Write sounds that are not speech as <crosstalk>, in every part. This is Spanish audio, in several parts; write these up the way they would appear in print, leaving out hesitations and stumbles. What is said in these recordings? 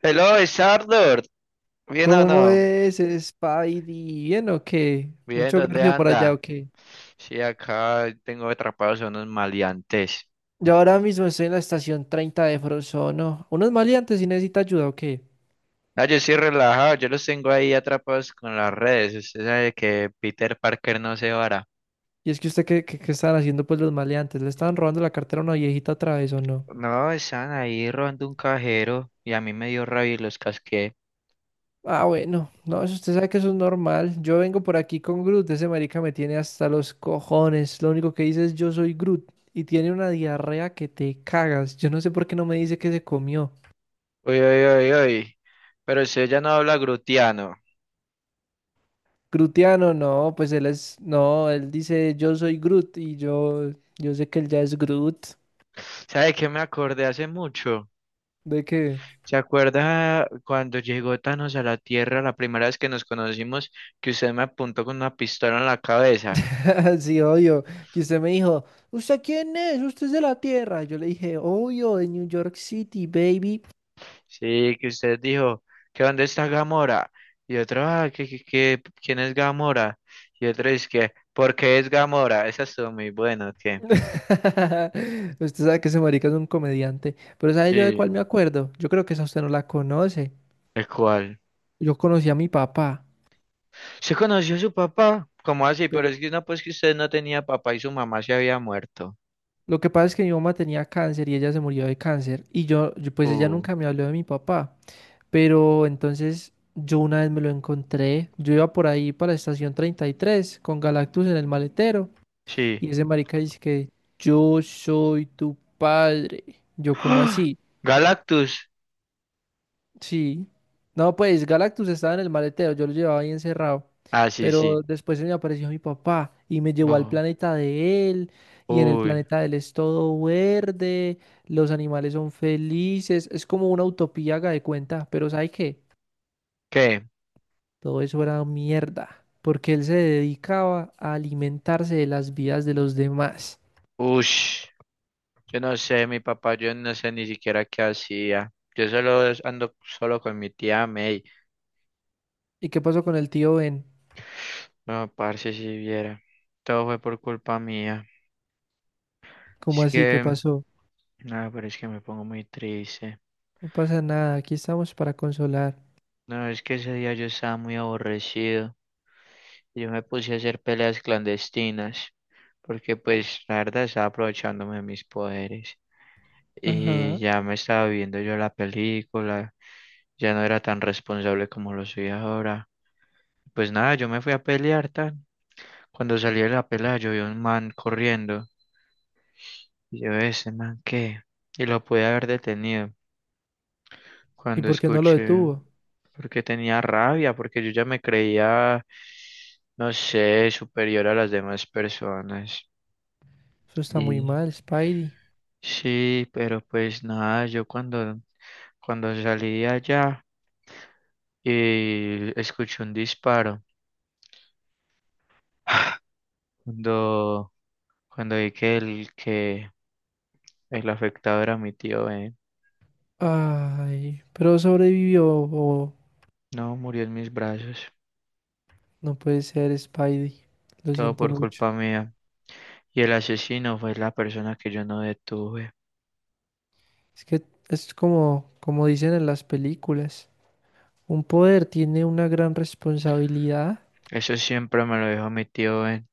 Hello, Sardor. ¿Bien o ¿Cómo no? es, Spidey? ¿Bien o qué? Bien, ¿Mucho ¿dónde garfio por allá anda? o qué? Sí, acá tengo atrapados a unos maleantes. Yo ahora mismo estoy en la estación 30 de Frozono. ¿Unos maleantes si necesita ayuda o qué? Ah, yo estoy relajado, yo los tengo ahí atrapados con las redes. Usted sabe que Peter Parker no se vara. Y es que usted, ¿qué estaban haciendo pues los maleantes? ¿Le estaban robando la cartera a una viejita otra vez o no? No, están ahí robando un cajero y a mí me dio rabia y los casqué. Ah, bueno. No, eso usted sabe que eso es normal. Yo vengo por aquí con Groot. Ese marica me tiene hasta los cojones. Lo único que dice es yo soy Groot. Y tiene una diarrea que te cagas. Yo no sé por qué no me dice que se comió. Uy, uy, uy, uy. Pero usted ya no habla grutiano. Grutiano, no, pues él es, no, él dice yo soy Groot y yo sé que él ya es Groot. ¿Sabe qué me acordé hace mucho? ¿De qué? ¿Se acuerda cuando llegó Thanos a la Tierra la primera vez que nos conocimos, que usted me apuntó con una pistola en la cabeza? <laughs> Sí, obvio. Que usted me dijo, ¿usted quién es? ¿Usted es de la Tierra? Yo le dije, obvio, de New York City, baby. Sí, que usted dijo, ¿que dónde está Gamora? Y otro, ah, ¿quién es Gamora? Y otro es que, ¿por qué es Gamora? Esa estuvo muy buena, ¿qué? <laughs> Usted sabe que ese marica es un comediante. Pero ¿sabe yo de Sí, cuál me acuerdo? Yo creo que esa usted no la conoce. el cual. Yo conocí a mi papá, ¿Se conoció a su papá? ¿Cómo así? Pero es pero que no, pues que usted no tenía papá y su mamá se había muerto. lo que pasa es que mi mamá tenía cáncer y ella se murió de cáncer. Y pues ella Uh, nunca me habló de mi papá. Pero entonces yo una vez me lo encontré, yo iba por ahí para la estación 33 con Galactus en el maletero sí. y ese marica dice que yo soy tu padre. <gasps> Yo cómo ¡Ah! así, Galactus. sí. No, pues Galactus estaba en el maletero, yo lo llevaba ahí encerrado. Ah, sí, sí. Pero después se me apareció mi papá y me llevó al Bo- planeta de él y en el uy. planeta de él es todo verde, los animales son felices, es como una utopía, haga de cuenta, pero ¿sabe qué? ¿Qué? Todo eso era mierda, porque él se dedicaba a alimentarse de las vidas de los demás. Ush, yo no sé, mi papá, yo no sé ni siquiera qué hacía. Yo solo ando solo con mi tía May. ¿Y qué pasó con el tío Ben? No, parce, si viera. Todo fue por culpa mía. ¿Cómo Es así? ¿Qué que, pasó? no, pero es que me pongo muy triste. No pasa nada, aquí estamos para consolar. No, es que ese día yo estaba muy aborrecido. Yo me puse a hacer peleas clandestinas. Porque, pues, la verdad, estaba aprovechándome de mis poderes. Y Ajá. ya me estaba viendo yo la película. Ya no era tan responsable como lo soy ahora. Pues nada, yo me fui a pelear tan. Cuando salí de la pelea, yo vi un man corriendo. Y yo, ese man, ¿qué? Y lo pude haber detenido. ¿Y Cuando por qué no lo escuché, detuvo? porque tenía rabia, porque yo ya me creía, no sé, superior a las demás personas. Eso está muy Y mal, Spidey. sí, pero pues nada, cuando salí de allá y escuché un disparo. <sighs> Cuando, cuando vi que el afectado era mi tío Ben. Ay, pero sobrevivió. O No, murió en mis brazos. no puede ser, Spidey. Lo Todo siento por mucho. culpa mía. Y el asesino fue la persona que yo no detuve. Es que es como, como dicen en las películas. Un poder tiene una gran responsabilidad Eso siempre me lo dijo mi tío Ben.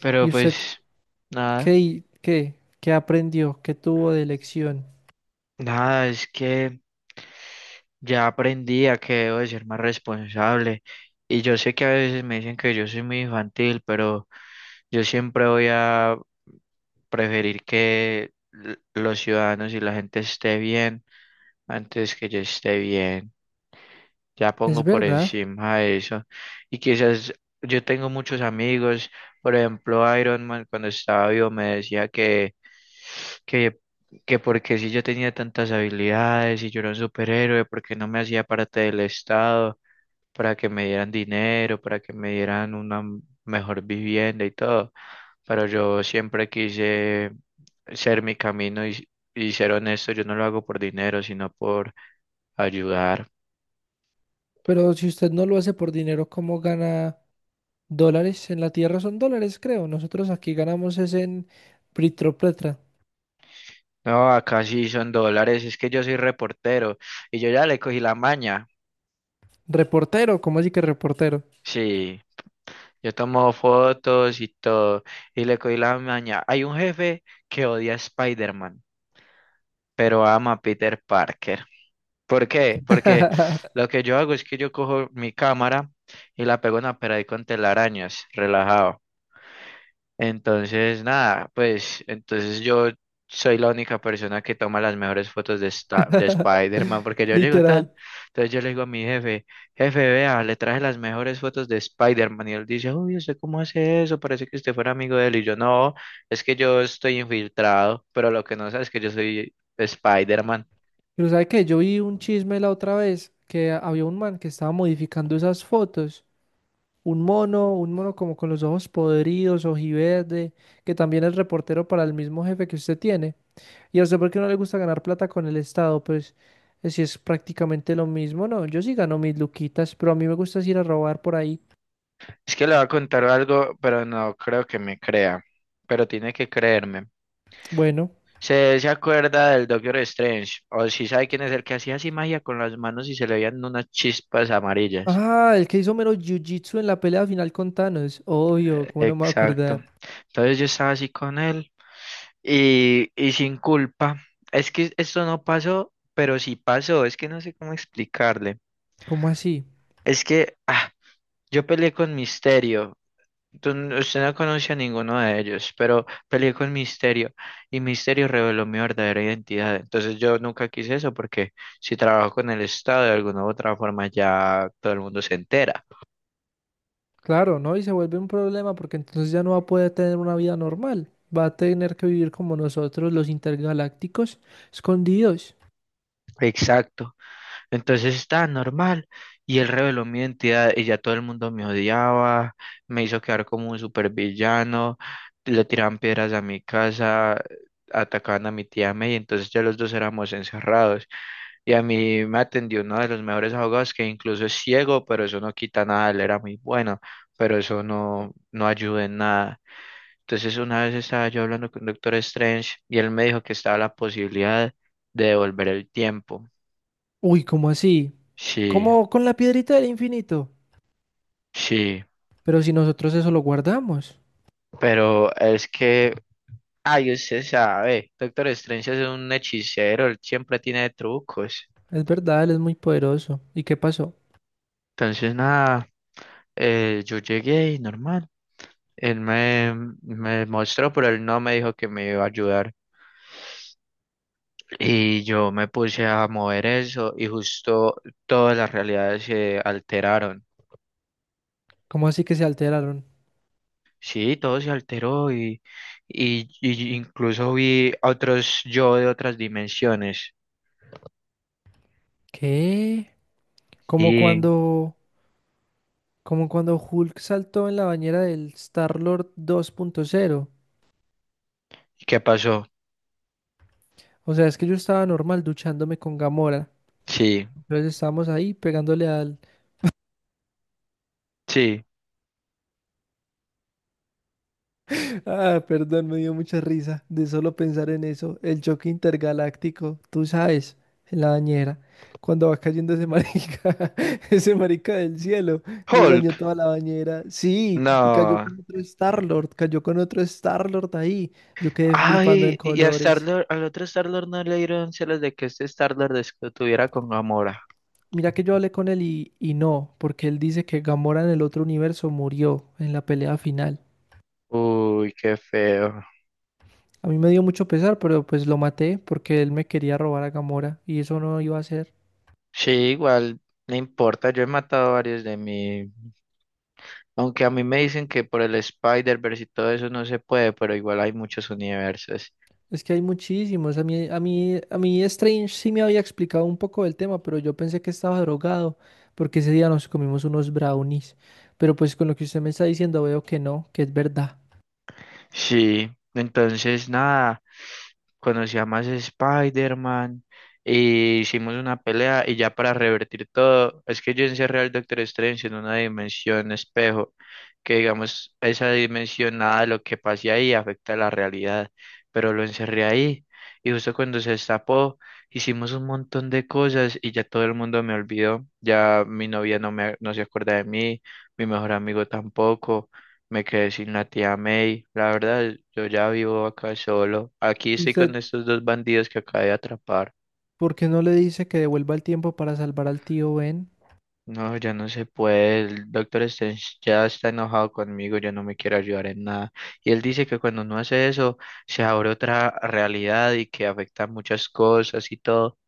Pero y usted pues, nada. ¿Qué, hi- qué, qué aprendió? ¿Qué tuvo de lección? Nada, es que ya aprendí a que debo de ser más responsable. Y yo sé que a veces me dicen que yo soy muy infantil, pero yo siempre voy a preferir que los ciudadanos y la gente esté bien antes que yo esté bien. Ya pongo Es por verdad, encima de eso. Y quizás yo tengo muchos amigos, por ejemplo, Iron Man cuando estaba vivo me decía que, que porque si yo tenía tantas habilidades y yo era un superhéroe, porque no me hacía parte del Estado, para que me dieran dinero, para que me dieran una mejor vivienda y todo. Pero yo siempre quise ser mi camino y ser honesto, yo no lo hago por dinero, sino por ayudar. pero si usted no lo hace por dinero, ¿cómo gana dólares? En la tierra son dólares, creo. Nosotros aquí ganamos es en Pritropletra. No, acá sí son dólares, es que yo soy reportero y yo ya le cogí la maña. Reportero, ¿cómo así que reportero? Sí, yo tomo fotos y todo y le cogí la maña. Hay un jefe que odia a Spider-Man, pero ama a Peter Parker. ¿Por qué? Porque <laughs> lo que yo hago es que yo cojo mi cámara y la pego en una pared con telarañas, relajado. Entonces, nada, pues entonces yo soy la única persona que toma las mejores fotos de, de Spider-Man porque yo llego tan. Literal. Entonces yo le digo a mi jefe, jefe, vea, le traje las mejores fotos de Spider-Man y él dice, uy, ¿usted cómo hace eso? Parece que usted fuera amigo de él y yo no, es que yo estoy infiltrado, pero lo que no sabe es que yo soy Spider-Man. Pero ¿sabe qué? Yo vi un chisme la otra vez que había un man que estaba modificando esas fotos. Un mono como con los ojos podridos, ojiverde, que también es reportero para el mismo jefe que usted tiene. Y a usted, ¿por qué no le gusta ganar plata con el Estado? Pues si es prácticamente lo mismo, no. Yo sí gano mis luquitas, pero a mí me gusta es ir a robar por ahí. Es que le voy a contar algo, pero no creo que me crea, pero tiene que creerme. Bueno. ¿Se acuerda del Doctor Strange? O si sabe quién es el que hacía así magia con las manos y se le veían unas chispas amarillas. Ah, el que hizo mero jiu-jitsu en la pelea final con Thanos. Obvio, ¿cómo no me voy a Exacto. acordar? Entonces yo estaba así con él y sin culpa. Es que esto no pasó, pero sí pasó. Es que no sé cómo explicarle. ¿Cómo así? Es que ah, yo peleé con Misterio. Usted no conoce a ninguno de ellos, pero peleé con Misterio y Misterio reveló mi verdadera identidad. Entonces yo nunca quise eso porque si trabajo con el Estado de alguna u otra forma ya todo el mundo se entera. Claro, ¿no? Y se vuelve un problema porque entonces ya no va a poder tener una vida normal. Va a tener que vivir como nosotros, los intergalácticos, escondidos. Exacto. Entonces estaba normal y él reveló mi identidad y ya todo el mundo me odiaba, me hizo quedar como un supervillano, le tiraban piedras a mi casa, atacaban a mi tía May, entonces ya los dos éramos encerrados. Y a mí me atendió uno de los mejores abogados que incluso es ciego, pero eso no quita nada, él era muy bueno, pero eso no, no ayuda en nada. Entonces una vez estaba yo hablando con Doctor Strange y él me dijo que estaba la posibilidad de devolver el tiempo. Uy, ¿cómo así? Sí. Como con la piedrita del infinito. Sí, Pero si nosotros eso lo guardamos. pero es que, ay, usted sabe, Doctor Strange es un hechicero, él siempre tiene trucos. Es verdad, él es muy poderoso. ¿Y qué pasó? Entonces, nada, yo llegué y normal. Él me, me mostró, pero él no me dijo que me iba a ayudar. Y yo me puse a mover eso y justo todas las realidades se alteraron. ¿Cómo así que se alteraron? Sí, todo se alteró y incluso vi a otros yo de otras dimensiones. ¿Qué? Como ¿Y cuando, como cuando Hulk saltó en la bañera del Star-Lord 2.0. qué pasó? O sea, es que yo estaba normal duchándome con Gamora. Sí, Entonces estábamos ahí pegándole al sí. Ah, perdón, me dio mucha risa de solo pensar en eso. El choque intergaláctico, tú sabes, en la bañera, cuando va cayendo ese marica, <laughs> ese marica del cielo, nos Hulk, dañó toda la bañera. Sí, y cayó no. con otro Star-Lord, cayó con otro Star-Lord ahí. Yo quedé flipando en Ay, y a colores. Star-Lord, al otro Star-Lord no le dieron celos de que este Star-Lord estuviera con Gamora. Mira que yo hablé con él y no, porque él dice que Gamora en el otro universo murió en la pelea final. Uy, qué feo. A mí me dio mucho pesar, pero pues lo maté porque él me quería robar a Gamora y eso no iba a ser. Sí, igual, no importa, yo he matado varios de mí. Aunque a mí me dicen que por el Spider-Verse y todo eso no se puede, pero igual hay muchos universos. Es que hay muchísimos. A mí Strange sí me había explicado un poco del tema, pero yo pensé que estaba drogado, porque ese día nos comimos unos brownies. Pero pues con lo que usted me está diciendo veo que no, que es verdad. Sí, entonces nada, conocí a más Spider-Man, e hicimos una pelea y ya para revertir todo, es que yo encerré al Doctor Strange en una dimensión espejo, que digamos, esa dimensión, nada de lo que pase ahí afecta a la realidad, pero lo encerré ahí y justo cuando se destapó, hicimos un montón de cosas y ya todo el mundo me olvidó, ya mi novia no me, no se acuerda de mí, mi mejor amigo tampoco. Me quedé sin la tía May. La verdad, yo ya vivo acá solo. Aquí ¿Y estoy con usted estos dos bandidos que acabé de atrapar. por qué no le dice que devuelva el tiempo para salvar al tío Ben? No, ya no se puede. El doctor Strange ya está enojado conmigo, ya no me quiere ayudar en nada. Y él dice que cuando uno hace eso, se abre otra realidad y que afecta muchas cosas y todo.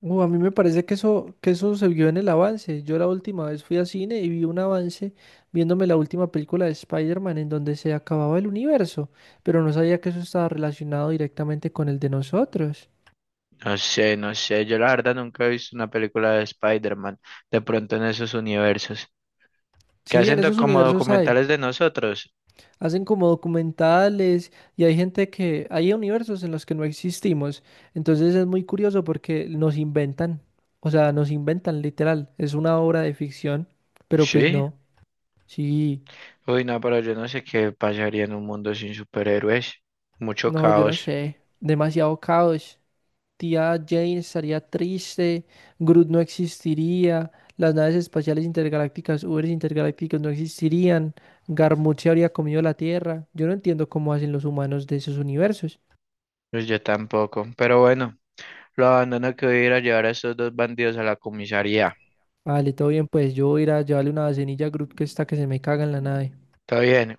A mí me parece que eso se vio en el avance. Yo la última vez fui a cine y vi un avance viéndome la última película de Spider-Man en donde se acababa el universo, pero no sabía que eso estaba relacionado directamente con el de nosotros. No sé, no sé. Yo la verdad nunca he visto una película de Spider-Man de pronto en esos universos. Qué Sí, en hacen esos como universos hay. documentales de nosotros. Hacen como documentales y hay gente que, hay universos en los que no existimos. Entonces es muy curioso porque nos inventan, o sea, nos inventan literal. Es una obra de ficción, pero pues Sí. no. Sí, Uy, no, pero yo no sé qué pasaría en un mundo sin superhéroes. Mucho no, yo no caos. sé. Demasiado caos. Tía Jane estaría triste, Groot no existiría, las naves espaciales intergalácticas, Ubers intergalácticos no existirían, Garmut se habría comido la Tierra. Yo no entiendo cómo hacen los humanos de esos universos. Pues yo tampoco. Pero bueno, lo abandono que voy a ir a llevar a estos dos bandidos a la comisaría. Vale, todo bien, pues yo voy a ir a llevarle una vasenilla a Groot que está que se me caga en la nave. Está bien.